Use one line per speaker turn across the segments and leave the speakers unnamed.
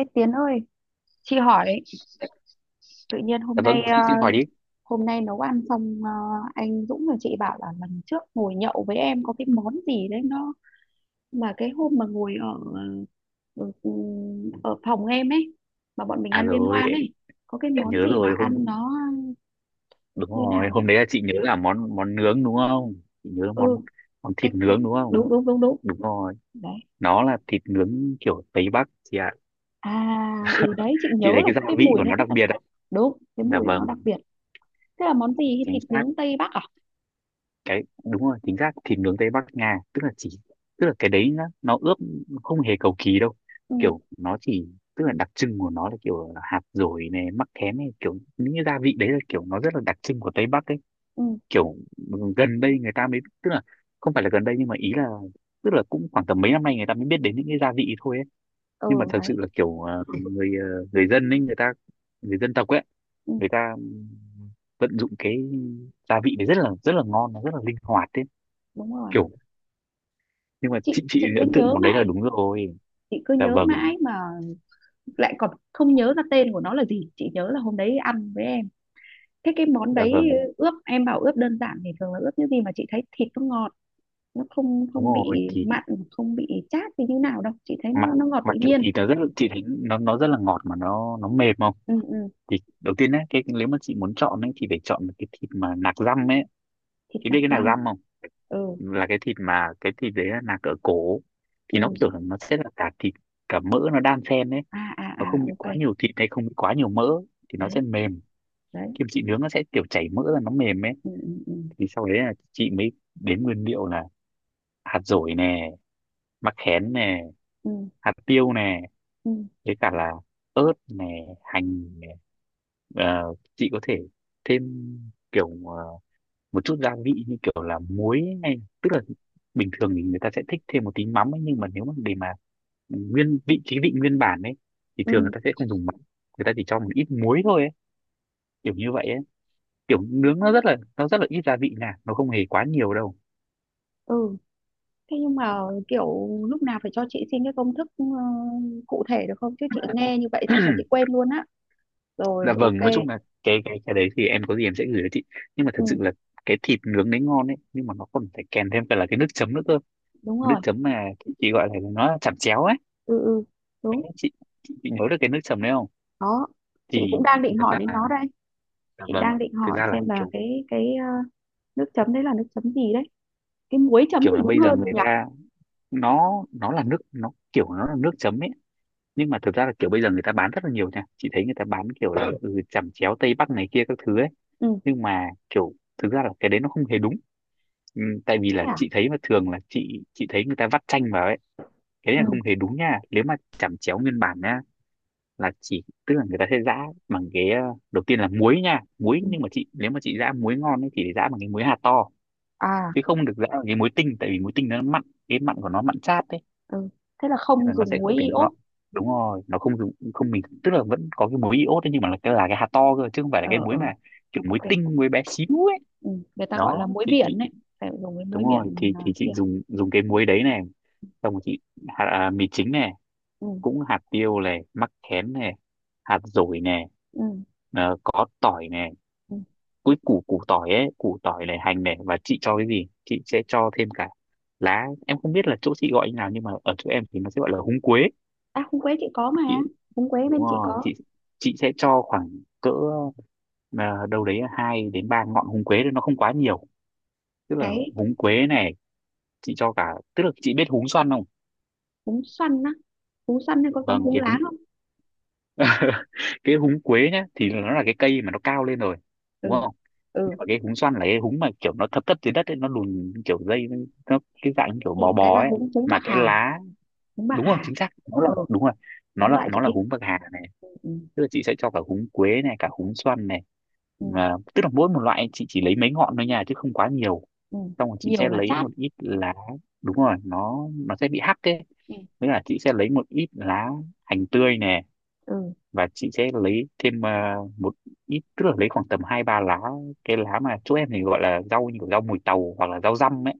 Ê Tiến ơi, chị hỏi tự nhiên hôm
Dạ vâng,
nay
chị hỏi đi.
hôm nay nấu ăn xong anh Dũng và chị bảo là lần trước ngồi nhậu với em có cái món gì đấy nó mà cái hôm mà ngồi ở ở, ừ, ở phòng em ấy mà bọn mình
À
ăn liên
rồi,
hoan
em
ấy có cái
em
món
nhớ
gì mà
rồi.
ăn
hôm
nó
đúng
như
rồi,
nào nhỉ?
hôm đấy là chị nhớ là món món nướng đúng không? Chị nhớ là
Ừ,
món món
cách
thịt
cách
nướng đúng không?
đúng đúng đúng đúng
Đúng rồi,
đấy.
nó là thịt nướng kiểu Tây Bắc chị ạ.
À ừ, đấy chị
Chị
nhớ
thấy
là
cái gia
có cái
vị
mùi
của
nó
nó
rất
đặc
là
biệt ạ.
đúng, cái
Dạ
mùi nó
vâng,
đặc biệt. Thế là món gì,
chính
thịt
xác.
nướng Tây Bắc à?
Đúng rồi, chính xác thịt nướng Tây Bắc Nga, tức là cái đấy nó ướp không hề cầu kỳ đâu.
Ừ
Kiểu nó chỉ tức là đặc trưng của nó là kiểu hạt dổi này, mắc khén này, kiểu những cái gia vị đấy là kiểu nó rất là đặc trưng của Tây Bắc ấy.
ừ
Kiểu, gần đây người ta mới tức là không phải là gần đây, nhưng mà ý là tức là cũng khoảng tầm mấy năm nay người ta mới biết đến những cái gia vị thôi ấy. Nhưng mà
ừ,
thật sự là
đấy.
kiểu người ờ, người dân ấy người ta người dân tộc ấy
Ừ,
người ta vận dụng cái gia vị đấy rất là ngon, nó rất là linh hoạt ấy
đúng rồi,
kiểu. Nhưng mà
chị
chị
chị cứ
ấn tượng
nhớ
món đấy là
mãi,
đúng rồi.
chị cứ
Dạ
nhớ
vâng.
mãi mà lại còn không nhớ ra tên của nó là gì. Chị nhớ là hôm đấy ăn với em. Thế cái món
Dạ
đấy
vâng,
ướp, em bảo ướp đơn giản thì thường là ướp những gì mà chị thấy thịt nó ngọt, nó không
đúng
không
rồi
bị
thì
mặn, không bị chát thì như nào đâu, chị thấy
mà
nó ngọt tự
mà kiểu
nhiên.
thì chị thấy nó rất là ngọt, mà nó mềm không?
Ừ, ừ.
Thì đầu tiên ấy cái nếu mà chị muốn chọn ấy thì phải chọn cái thịt mà nạc dăm ấy.
Thịt
Chị biết
nạc
cái nạc
răm.
dăm không?
Ừ
Là cái thịt đấy là nạc ở cổ. Thì
ừ.
nó kiểu là nó sẽ là cả thịt cả mỡ nó đan xen đấy.
À à
Nó
à,
không bị
ok.
quá nhiều thịt hay không bị quá nhiều mỡ thì nó
Đấy.
sẽ mềm.
Đấy.
Kim chị nướng nó sẽ kiểu chảy mỡ ra nó mềm ấy.
Ừ ừ ừ.
Thì sau đấy là chị mới đến nguyên liệu là hạt dổi nè, mắc khén nè,
Ừ
hạt tiêu nè,
ừ
với cả là ớt nè, hành nè. Chị có thể thêm kiểu một chút gia vị như kiểu là muối hay tức là bình thường thì người ta sẽ thích thêm một tí mắm ấy, nhưng mà nếu mà để mà nguyên vị trí vị nguyên bản ấy thì thường người
ừ,
ta sẽ không dùng mắm. Người ta chỉ cho một ít muối thôi ấy, kiểu như vậy ấy. Kiểu nướng nó rất là ít gia vị nha, nó không hề quá nhiều đâu.
ừ. Thế nhưng mà kiểu lúc nào phải cho chị xin cái công thức cụ thể được không? Chứ chị nghe như vậy xong rồi chị quên luôn á.
Dạ
Rồi,
vâng, nói
ok.
chung là cái đấy thì em có gì em sẽ gửi cho chị. Nhưng mà thật
Ừ,
sự là cái thịt nướng đấy ngon ấy, nhưng mà nó còn phải kèm thêm cả là cái nước chấm nữa cơ.
đúng
Nước
rồi.
chấm mà chị gọi là nó là chẩm chéo ấy.
Ừ ừ, đúng.
Chị, chị, chị nhớ được cái nước chấm đấy không?
Đó. Chị cũng
thì,
đang
thì
định
thật
hỏi
ra
đến
là...
nó đây.
Dạ
Chị
vâng,
đang định
thực
hỏi
ra là
xem là
kiểu
cái nước chấm đấy là nước chấm gì đấy. Cái muối chấm
kiểu là
thì đúng
bây giờ
hơn
người
nhỉ?
ta... Nó là nước, nó kiểu nó là nước chấm ấy. Nhưng mà thực ra là kiểu bây giờ người ta bán rất là nhiều nha, chị thấy người ta bán kiểu là chẩm chéo Tây Bắc này kia các thứ ấy.
Ừ,
Nhưng mà kiểu thực ra là cái đấy nó không hề đúng. Ừ, tại vì
thế
là
à?
chị thấy mà thường là chị thấy người ta vắt chanh vào ấy. Cái đấy là
Ừ.
không hề đúng nha nếu mà chẩm chéo nguyên bản nha. Là chỉ tức là người ta sẽ giã bằng cái đầu tiên là muối nha. Muối,
Ừ.
nhưng mà nếu mà chị giã muối ngon ấy thì phải giã bằng cái muối hạt to.
À,
Chứ không được rã vào cái muối tinh, tại vì muối tinh nó mặn, cái mặn của nó mặn chát đấy.
ừ. Thế là
Nên
không
là nó
dùng
sẽ
muối
không thể
iốt.
ngọt. Đúng rồi, nó không dùng, không, mình tức là vẫn có cái muối iốt đấy, nhưng mà là cái hạt to cơ chứ không phải là cái
Ờ
muối
ờ,
mà kiểu muối
ok.
tinh, muối bé xíu ấy.
Ừ, người ta gọi là
Đó
muối
chị
biển
chị
đấy. Phải dùng cái
đúng
muối
rồi
biển
thì
à,
thì
kia.
chị dùng dùng cái muối đấy này. Xong rồi chị mì chính này,
Ừ.
cũng hạt tiêu này, mắc khén này, hạt dổi này.
Ừ.
Có tỏi này.
Ừ.
Cuối củ củ tỏi ấy, củ tỏi này, hành này, và chị cho cái gì chị sẽ cho thêm cả lá, em không biết là chỗ chị gọi như nào, nhưng mà ở chỗ em thì nó sẽ gọi là húng quế.
À, húng quế chị có mà.
chị
Húng quế
Đúng
bên chị
rồi,
có.
chị sẽ cho khoảng cỡ đâu đấy hai đến ba ngọn húng quế thôi, nó không quá nhiều. Tức là
Cái
húng quế này chị cho cả, tức là chị biết húng xoăn không?
húng xoăn á. Húng xoăn hay có giống
Vâng,
húng
cái húng
láng không?
cái húng quế nhá thì nó là cái cây mà nó cao lên rồi đúng
Ừ.
không? Nhưng
Ừ.
mà cái húng xoăn là cái húng mà kiểu nó thấp thấp dưới đất ấy, nó lùn kiểu dây. Nó cái dạng
Thế
kiểu bò
thì cái
bò
là
ấy.
húng húng
Mà
bạc
cái
hà,
lá
húng bạc
Đúng rồi,
hà.
chính xác, nó là,
Ừ,
đúng rồi. nó
đúng
là
loại chị
nó là
thích.
húng bạc hà này.
Ừ.
Tức là chị sẽ cho cả húng quế này, cả húng xoăn này.
Ừ.
Mà tức là mỗi một loại chị chỉ lấy mấy ngọn thôi nha chứ không quá nhiều.
Ừ.
Xong rồi chị
Nhiều
sẽ
là
lấy
chát.
một ít lá. Đúng rồi, nó sẽ bị hắc ấy.
Ừ.
Với là chị sẽ lấy một ít lá hành tươi nè.
Ừ.
Và chị sẽ lấy thêm một ít, tức là lấy khoảng tầm hai ba lá, cái lá mà chỗ em thì gọi là rau như kiểu rau mùi tàu hoặc là rau răm ấy.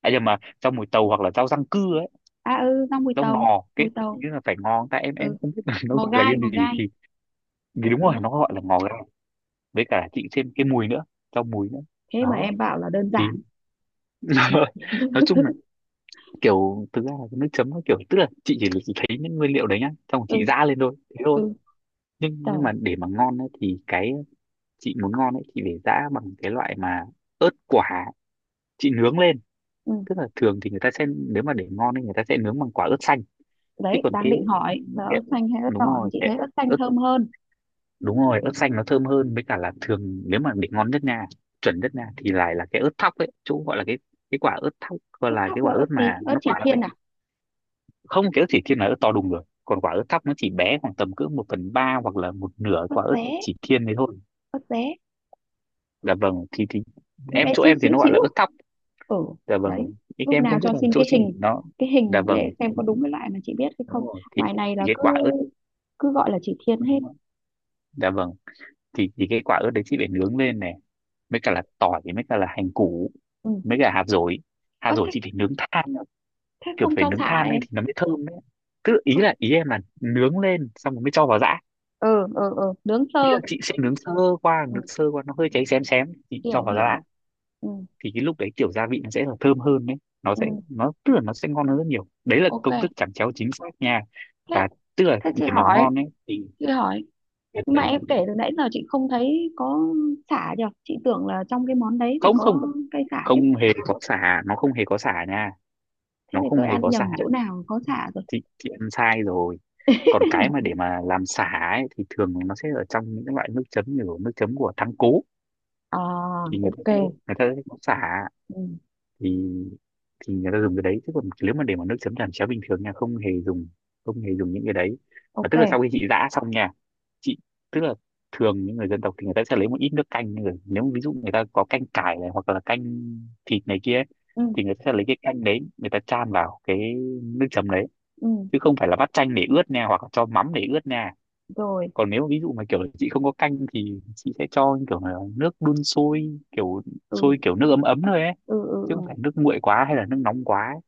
À nhưng mà rau mùi tàu hoặc là rau răng cưa ấy.
À ừ, rau mùi
Rau
tàu,
ngò,
mùi
cái hình
tàu.
như là phải ngò tại em
Ừ,
không biết là nó
ngò
gọi là
gai,
cái
ngò
gì
gai.
thì... Thì đúng
Đúng
rồi,
rồi.
nó gọi là ngò gai. Với cả chị thêm cái mùi nữa rau mùi nữa.
Thế mà
Đó
em bảo là đơn
thì
giản.
nói chung là kiểu thực ra là cái nước chấm nó kiểu tức là chị chỉ thấy những nguyên liệu đấy nhá, xong rồi
Ừ,
chị giã lên thôi thế thôi.
ừ,
nhưng
trời.
nhưng mà để mà ngon ấy, thì cái chị muốn ngon ấy chị phải giã bằng cái loại mà ớt quả, chị nướng lên.
Ừ.
Tức là thường thì người ta sẽ, nếu mà để ngon thì người ta sẽ nướng bằng quả ớt xanh. Chứ
Đấy,
còn
đang
cái,
định hỏi là ớt
cái
xanh hay ớt
đúng
đỏ thì
rồi
chị
cái
thấy ớt xanh
ớt,
thơm hơn.
đúng rồi, ớt xanh nó thơm hơn, với cả là thường nếu mà để ngon nhất nha, chuẩn nhất nha, thì lại là cái ớt thóc ấy, chỗ gọi là cái quả ớt thóc, gọi
Ớt
là cái
thóc là
quả
ớt
ớt
gì?
mà
Ớt
nó
chỉ
quả lắm đấy.
thiên à?
Không, cái ớt chỉ thiên là ớt to đùng rồi, còn quả ớt thóc nó chỉ bé khoảng tầm cỡ một phần ba hoặc là một nửa
Ớt
quả ớt
dế,
chỉ thiên đấy thôi.
ớt dế.
Dạ vâng thì
Nó bé
chỗ
xíu
em thì
xíu
nó gọi
xíu
là
à.
ớt thóc.
Ừ,
Dạ vâng,
đấy,
ý
lúc
em
nào
không
cho
biết là
xin
chỗ
cái
chị
hình,
nó...
cái
Dạ
hình để
vâng
xem có đúng cái loại mà chị biết hay
đúng
không.
rồi thì,
Ngoài này
thì
là
cái
cứ
quả ớt,
cứ gọi là chỉ thiên hết.
đúng rồi. Dạ vâng thì cái quả ớt đấy chị phải nướng lên này, mới cả là tỏi, mới cả là hành củ,
Ừ.
mới cả hạt dổi. Hạt
Ơ
dổi
thế,
chị phải nướng than nữa.
thế
Kiểu
không
phải
cho
nướng
xả
than lên
em?
thì nó mới thơm đấy. Tức là ý
Không.
là ý em là nướng lên xong rồi mới cho vào giã.
Ừ ừ ừ, nướng
Ý là
sơ.
chị sẽ nướng sơ qua
Ừ,
nướng sơ qua nó hơi cháy xém xém, chị cho
hiểu
vào giã.
hiểu. Ừ,
Thì cái lúc đấy kiểu gia vị nó sẽ là thơm hơn đấy. Nó
ừ,
sẽ nó Tức là nó sẽ ngon hơn rất nhiều, đấy là
ok.
công thức chẩm chéo chính xác nha.
Thế,
Và tức là
thế chị
để mà
hỏi,
ngon ấy thì...
chị hỏi nhưng mà em kể từ nãy giờ chị không thấy có sả nhở, chị tưởng là trong cái món đấy phải
Không, không,
có cây sả chứ.
không hề có sả, nó không hề có sả nha.
Thế
Nó
thì
không
tôi
hề
ăn
có sả.
nhầm chỗ nào có sả rồi.
Thì ăn sai rồi. Còn cái mà để mà làm sả ấy, thì thường nó sẽ ở trong những cái loại nước chấm như kiểu nước chấm của thắng cố.
À,
Thì người ta
ok.
sẽ người ta sẽ có sả.
Ừ,
Thì thì người ta dùng cái đấy chứ còn nếu mà để mà nước chấm làm cháo bình thường nha, không hề dùng. Không hề dùng những cái đấy. Mà tức là
ok.
sau khi chị giã xong nha, chị tức là thường những người dân tộc thì người ta sẽ lấy một ít nước canh rồi nếu mà ví dụ người ta có canh cải này hoặc là canh thịt này kia ấy,
Ừ.
thì người ta sẽ lấy cái canh đấy, người ta chan vào cái nước chấm đấy.
Ừ.
Chứ không phải là bắt chanh để ướt nha, hoặc là cho mắm để ướt nha.
Rồi.
Còn nếu ví dụ mà Kiểu chị không có canh thì chị sẽ cho kiểu là nước đun sôi, kiểu
ừ
sôi, kiểu nước ấm ấm thôi ấy,
ừ ừ
chứ
ừ
không phải nước nguội quá hay là nước nóng quá ấy.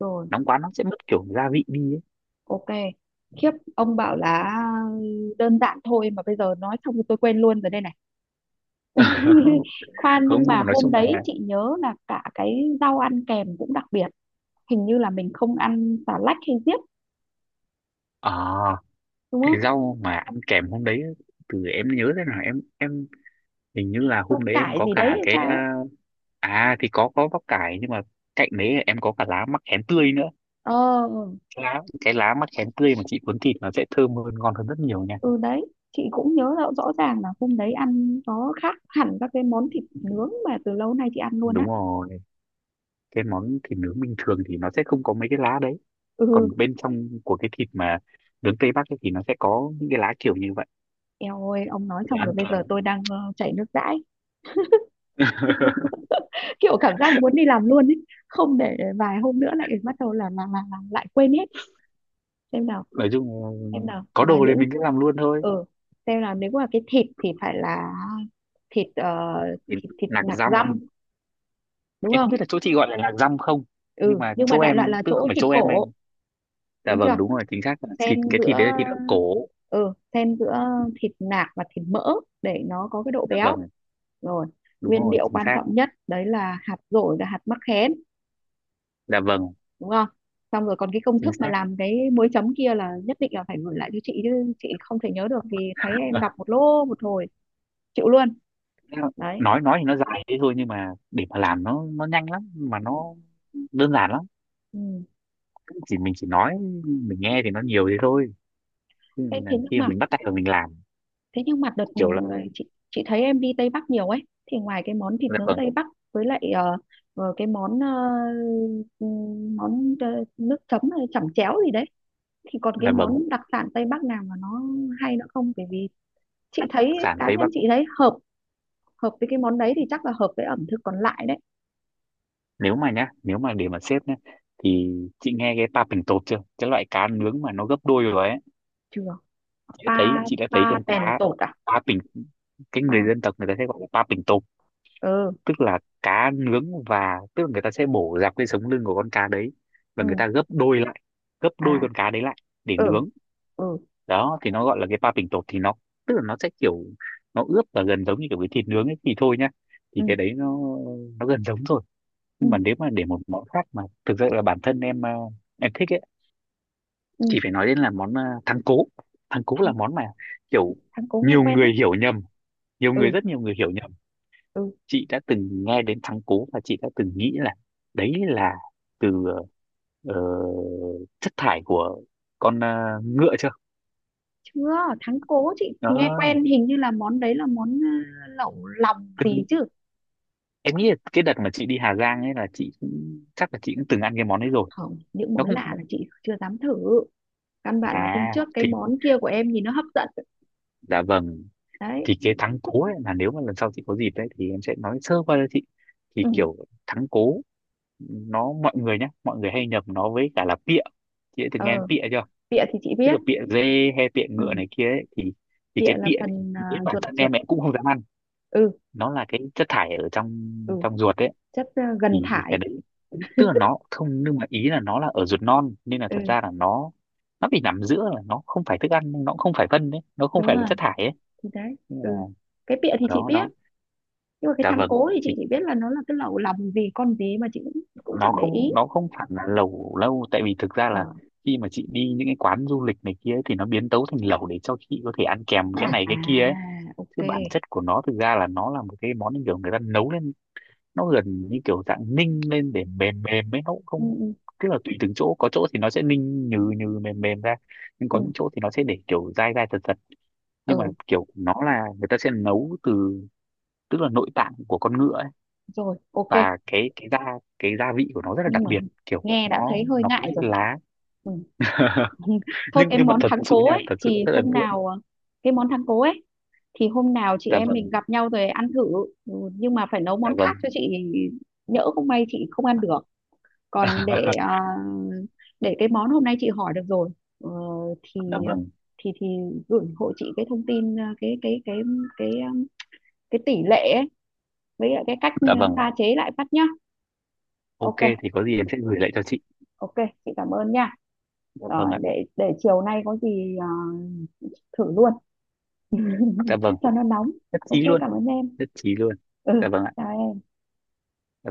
rồi,
Nóng quá nó sẽ mất kiểu gia vị đi ấy.
ok. Khiếp, ông bảo là đơn giản thôi mà bây giờ nói xong thì tôi quên luôn rồi đây này. Khoan,
Không,
nhưng
nhưng
mà
mà nói
hôm
chung là
đấy chị nhớ là cả cái rau ăn kèm cũng đặc biệt. Hình như là mình không ăn xà lách hay diếp,
ờ
đúng
cái
không?
rau mà ăn kèm hôm đấy, từ em nhớ thế nào, em hình như là hôm
Rau
đấy em
cải
có
gì đấy
cả
hay
cái
sao ấy.
à. À, thì có bắp cải, nhưng mà cạnh đấy em có cả lá mắc khén tươi nữa.
Ờ,
Cái lá mắc khén tươi mà chị cuốn thịt nó sẽ thơm hơn, ngon hơn rất nhiều nha.
ừ, đấy, chị cũng nhớ rõ, rõ ràng là hôm đấy ăn nó khác hẳn các cái món thịt nướng mà từ lâu nay chị ăn luôn á.
Đúng rồi, cái món thịt nướng bình thường thì nó sẽ không có mấy cái lá đấy,
Ừ.
còn bên trong của cái thịt mà nướng Tây Bắc ấy thì nó sẽ có những cái lá kiểu như vậy
Eo ơi, ông nói
để
xong rồi
ăn
bây
kèm.
giờ tôi đang chảy nước dãi, kiểu cảm giác muốn đi làm luôn ấy, không để vài hôm nữa lại bắt đầu là lại quên hết. Xem nào,
Nói chung
xem nào
có
là
đồ thì
những,
mình cứ làm luôn thôi.
ừ, xem nào, nếu mà cái thịt thì phải là thịt
Thì
thịt thịt
nạc
nạc
dăm,
dăm, đúng
em
không?
không biết là chỗ chị gọi là lạc răm không, nhưng
Ừ,
mà
nhưng mà
chỗ
đại loại
em
là
tức
chỗ
không phải
thịt
chỗ em
cổ.
anh, dạ
Đúng
vâng
chưa.
đúng rồi, chính xác là thịt,
Xen
cái thịt
giữa.
đấy là thịt ở cổ.
Ừ, xen giữa thịt nạc và thịt mỡ để nó có cái độ
Dạ
béo.
vâng,
Rồi.
đúng
Nguyên
rồi,
liệu
chính
quan
xác.
trọng nhất đấy là hạt dổi và hạt mắc khén,
Dạ vâng,
đúng không? Xong rồi còn cái công
chính
thức mà
xác.
làm cái muối chấm kia là nhất định là phải gửi lại cho chị, chứ chị không thể nhớ được vì thấy em
Ờ,
đọc một lô một hồi, chịu luôn. Đấy.
nói thì nó dài thế thôi, nhưng mà để mà làm nó nhanh lắm mà nó
Ừ.
đơn giản lắm.
Ừ.
Mình chỉ nói, mình nghe thì nó nhiều thế thôi, chứ
Thế,
là
thế nhưng
khi mà
mà,
mình bắt tay vào mình làm
thế nhưng mà đợt ừ,
kiểu là,
chị chị thấy em đi Tây Bắc nhiều ấy, thì ngoài cái món thịt
dạ
nướng
vâng,
Tây Bắc với lại cái món ừ, món nước chấm hay chẩm chéo gì đấy, thì còn cái
dạ vâng,
món đặc sản Tây Bắc nào mà nó hay nữa không? Bởi vì chị thấy,
sản
cá
tế
nhân
bào.
chị thấy hợp, hợp với cái món đấy thì chắc là hợp với ẩm thực còn lại đấy.
Nếu mà nhá, nếu mà để mà xếp nhá, thì chị nghe cái pa pình tột chưa, cái loại cá nướng mà nó gấp đôi rồi ấy.
Chưa. Pa,
Chị đã thấy
pa
con
bèn
cá
tột à?
pa pình, cái
Pa.
người dân tộc người ta sẽ gọi là pa pình tột,
Ừ.
tức là cá nướng, và tức là người ta sẽ bổ dọc cái sống lưng của con cá đấy
Ừ.
và người ta gấp đôi lại, gấp
À.
đôi con cá đấy lại để
Ừ.
nướng.
Ừ.
Đó thì nó gọi là cái pa pình tột, thì nó tức là nó sẽ kiểu nó ướp và gần giống như kiểu cái thịt nướng ấy thì thôi nhá,
Ừ.
thì cái đấy nó gần giống rồi.
Ừ.
Nhưng mà nếu mà để một món khác mà thực sự là bản thân em em thích ấy,
Ừ.
thì phải nói đến là món thắng cố. Thắng cố là
thắng
món mà kiểu
thắng cố nghe
nhiều
quen đấy.
người hiểu nhầm nhiều người,
Ừ.
rất nhiều người hiểu nhầm.
Ừ.
Chị đã từng nghe đến thắng cố và chị đã từng nghĩ là đấy là từ ờ, chất thải của con ngựa chưa?
Chưa. Thắng cố chị nghe
Đó,
quen, hình như là món đấy là món lẩu lòng gì
từng-
chứ.
em nghĩ là cái đợt mà chị đi Hà Giang ấy là chị cũng, chắc là chị cũng từng ăn cái món ấy rồi.
Không, những
Nó
món
không,
lạ
nó,
là chị chưa dám thử, căn bản là hôm
à
trước cái
thì
món kia của em nhìn nó hấp dẫn.
dạ vâng,
Đấy.
thì cái thắng cố ấy là nếu mà lần sau chị có dịp đấy thì em sẽ nói sơ qua cho chị. Thì
Ừ.
kiểu thắng cố nó, mọi người nhá, mọi người hay nhầm nó với cả là pịa. Chị đã từng nghe đến
Ờ,
pịa chưa?
bịa thì chị
Tức
biết.
là pịa dê hay pịa
Ừ.
ngựa này kia ấy, thì
Bịa
cái
là
pịa thì
phần
đến bản
ruột,
thân
ruột.
em cũng không dám ăn.
Ừ.
Nó là cái chất thải ở trong,
Ừ.
trong ruột ấy.
Chất gần
Thì
thải.
cái đấy tức là nó không, nhưng mà ý là nó là ở ruột non nên là
Ừ.
thật ra là nó bị nằm giữa, là nó không phải thức ăn, nó cũng không phải phân đấy, nó không
Đúng
phải là
rồi,
chất thải ấy.
thì đấy.
Nên là
Ừ. Cái pịa
ở
thì chị
đó
biết,
đó.
nhưng mà cái
Dạ
thắng
vâng,
cố thì chị chỉ biết là nó là cái lẩu lòng gì con gì mà chị cũng cũng chẳng
nó
để
không,
ý.
nó không hẳn là lẩu lâu, tại vì thực ra
Ờ.
là khi mà chị đi những cái quán du lịch này kia ấy, thì nó biến tấu thành lẩu để cho chị có thể ăn kèm cái này
À,
cái kia ấy.
ok.
Chứ bản chất của nó thực ra là nó là một cái món như kiểu người ta nấu lên, nó gần như kiểu dạng ninh lên để mềm mềm ấy, nó cũng
ừ,
không,
ừ,
tức là tùy từng chỗ, có chỗ thì nó sẽ ninh nhừ nhừ mềm mềm ra, nhưng
ừ,
có những chỗ thì nó sẽ để kiểu dai dai thật thật. Nhưng mà
ừ
kiểu nó là người ta sẽ nấu từ, tức là nội tạng của con ngựa ấy.
rồi, ok.
Và cái cái gia vị của nó rất là
Nhưng
đặc
mà
biệt, kiểu
nghe đã
nó
thấy hơi
nó có
ngại
cái
rồi.
lá.
Ừ. Thôi,
Nhưng
cái
mà
món
thật
thắng
sự
cố
nha,
ấy
thật sự
thì
rất ấn
hôm
tượng.
nào cái món thắng cố ấy thì hôm nào chị
Dạ
em mình
vâng.
gặp nhau rồi ăn thử. Ừ, nhưng mà phải nấu
Dạ
món khác
vâng.
cho chị, nhỡ không may chị không ăn được. Còn để à, để cái món hôm nay chị hỏi được rồi. Ờ, thì
Dạ vâng.
thì gửi hộ chị cái thông tin à, cái cái um, cái tỷ lệ ấy, với lại cái cách
Dạ vâng.
pha chế lại phát nhá.
Ok,
Ok,
thì có gì em sẽ gửi lại cho chị.
ok, chị cảm ơn nha.
Dạ vâng
Rồi,
ạ.
để chiều nay có gì à, thử luôn.
Dạ vâng,
Cho nó nóng.
nhất
Ok,
trí luôn.
cảm ơn em.
Nhất trí luôn.
Ừ,
Dạ vâng ạ.
chào em.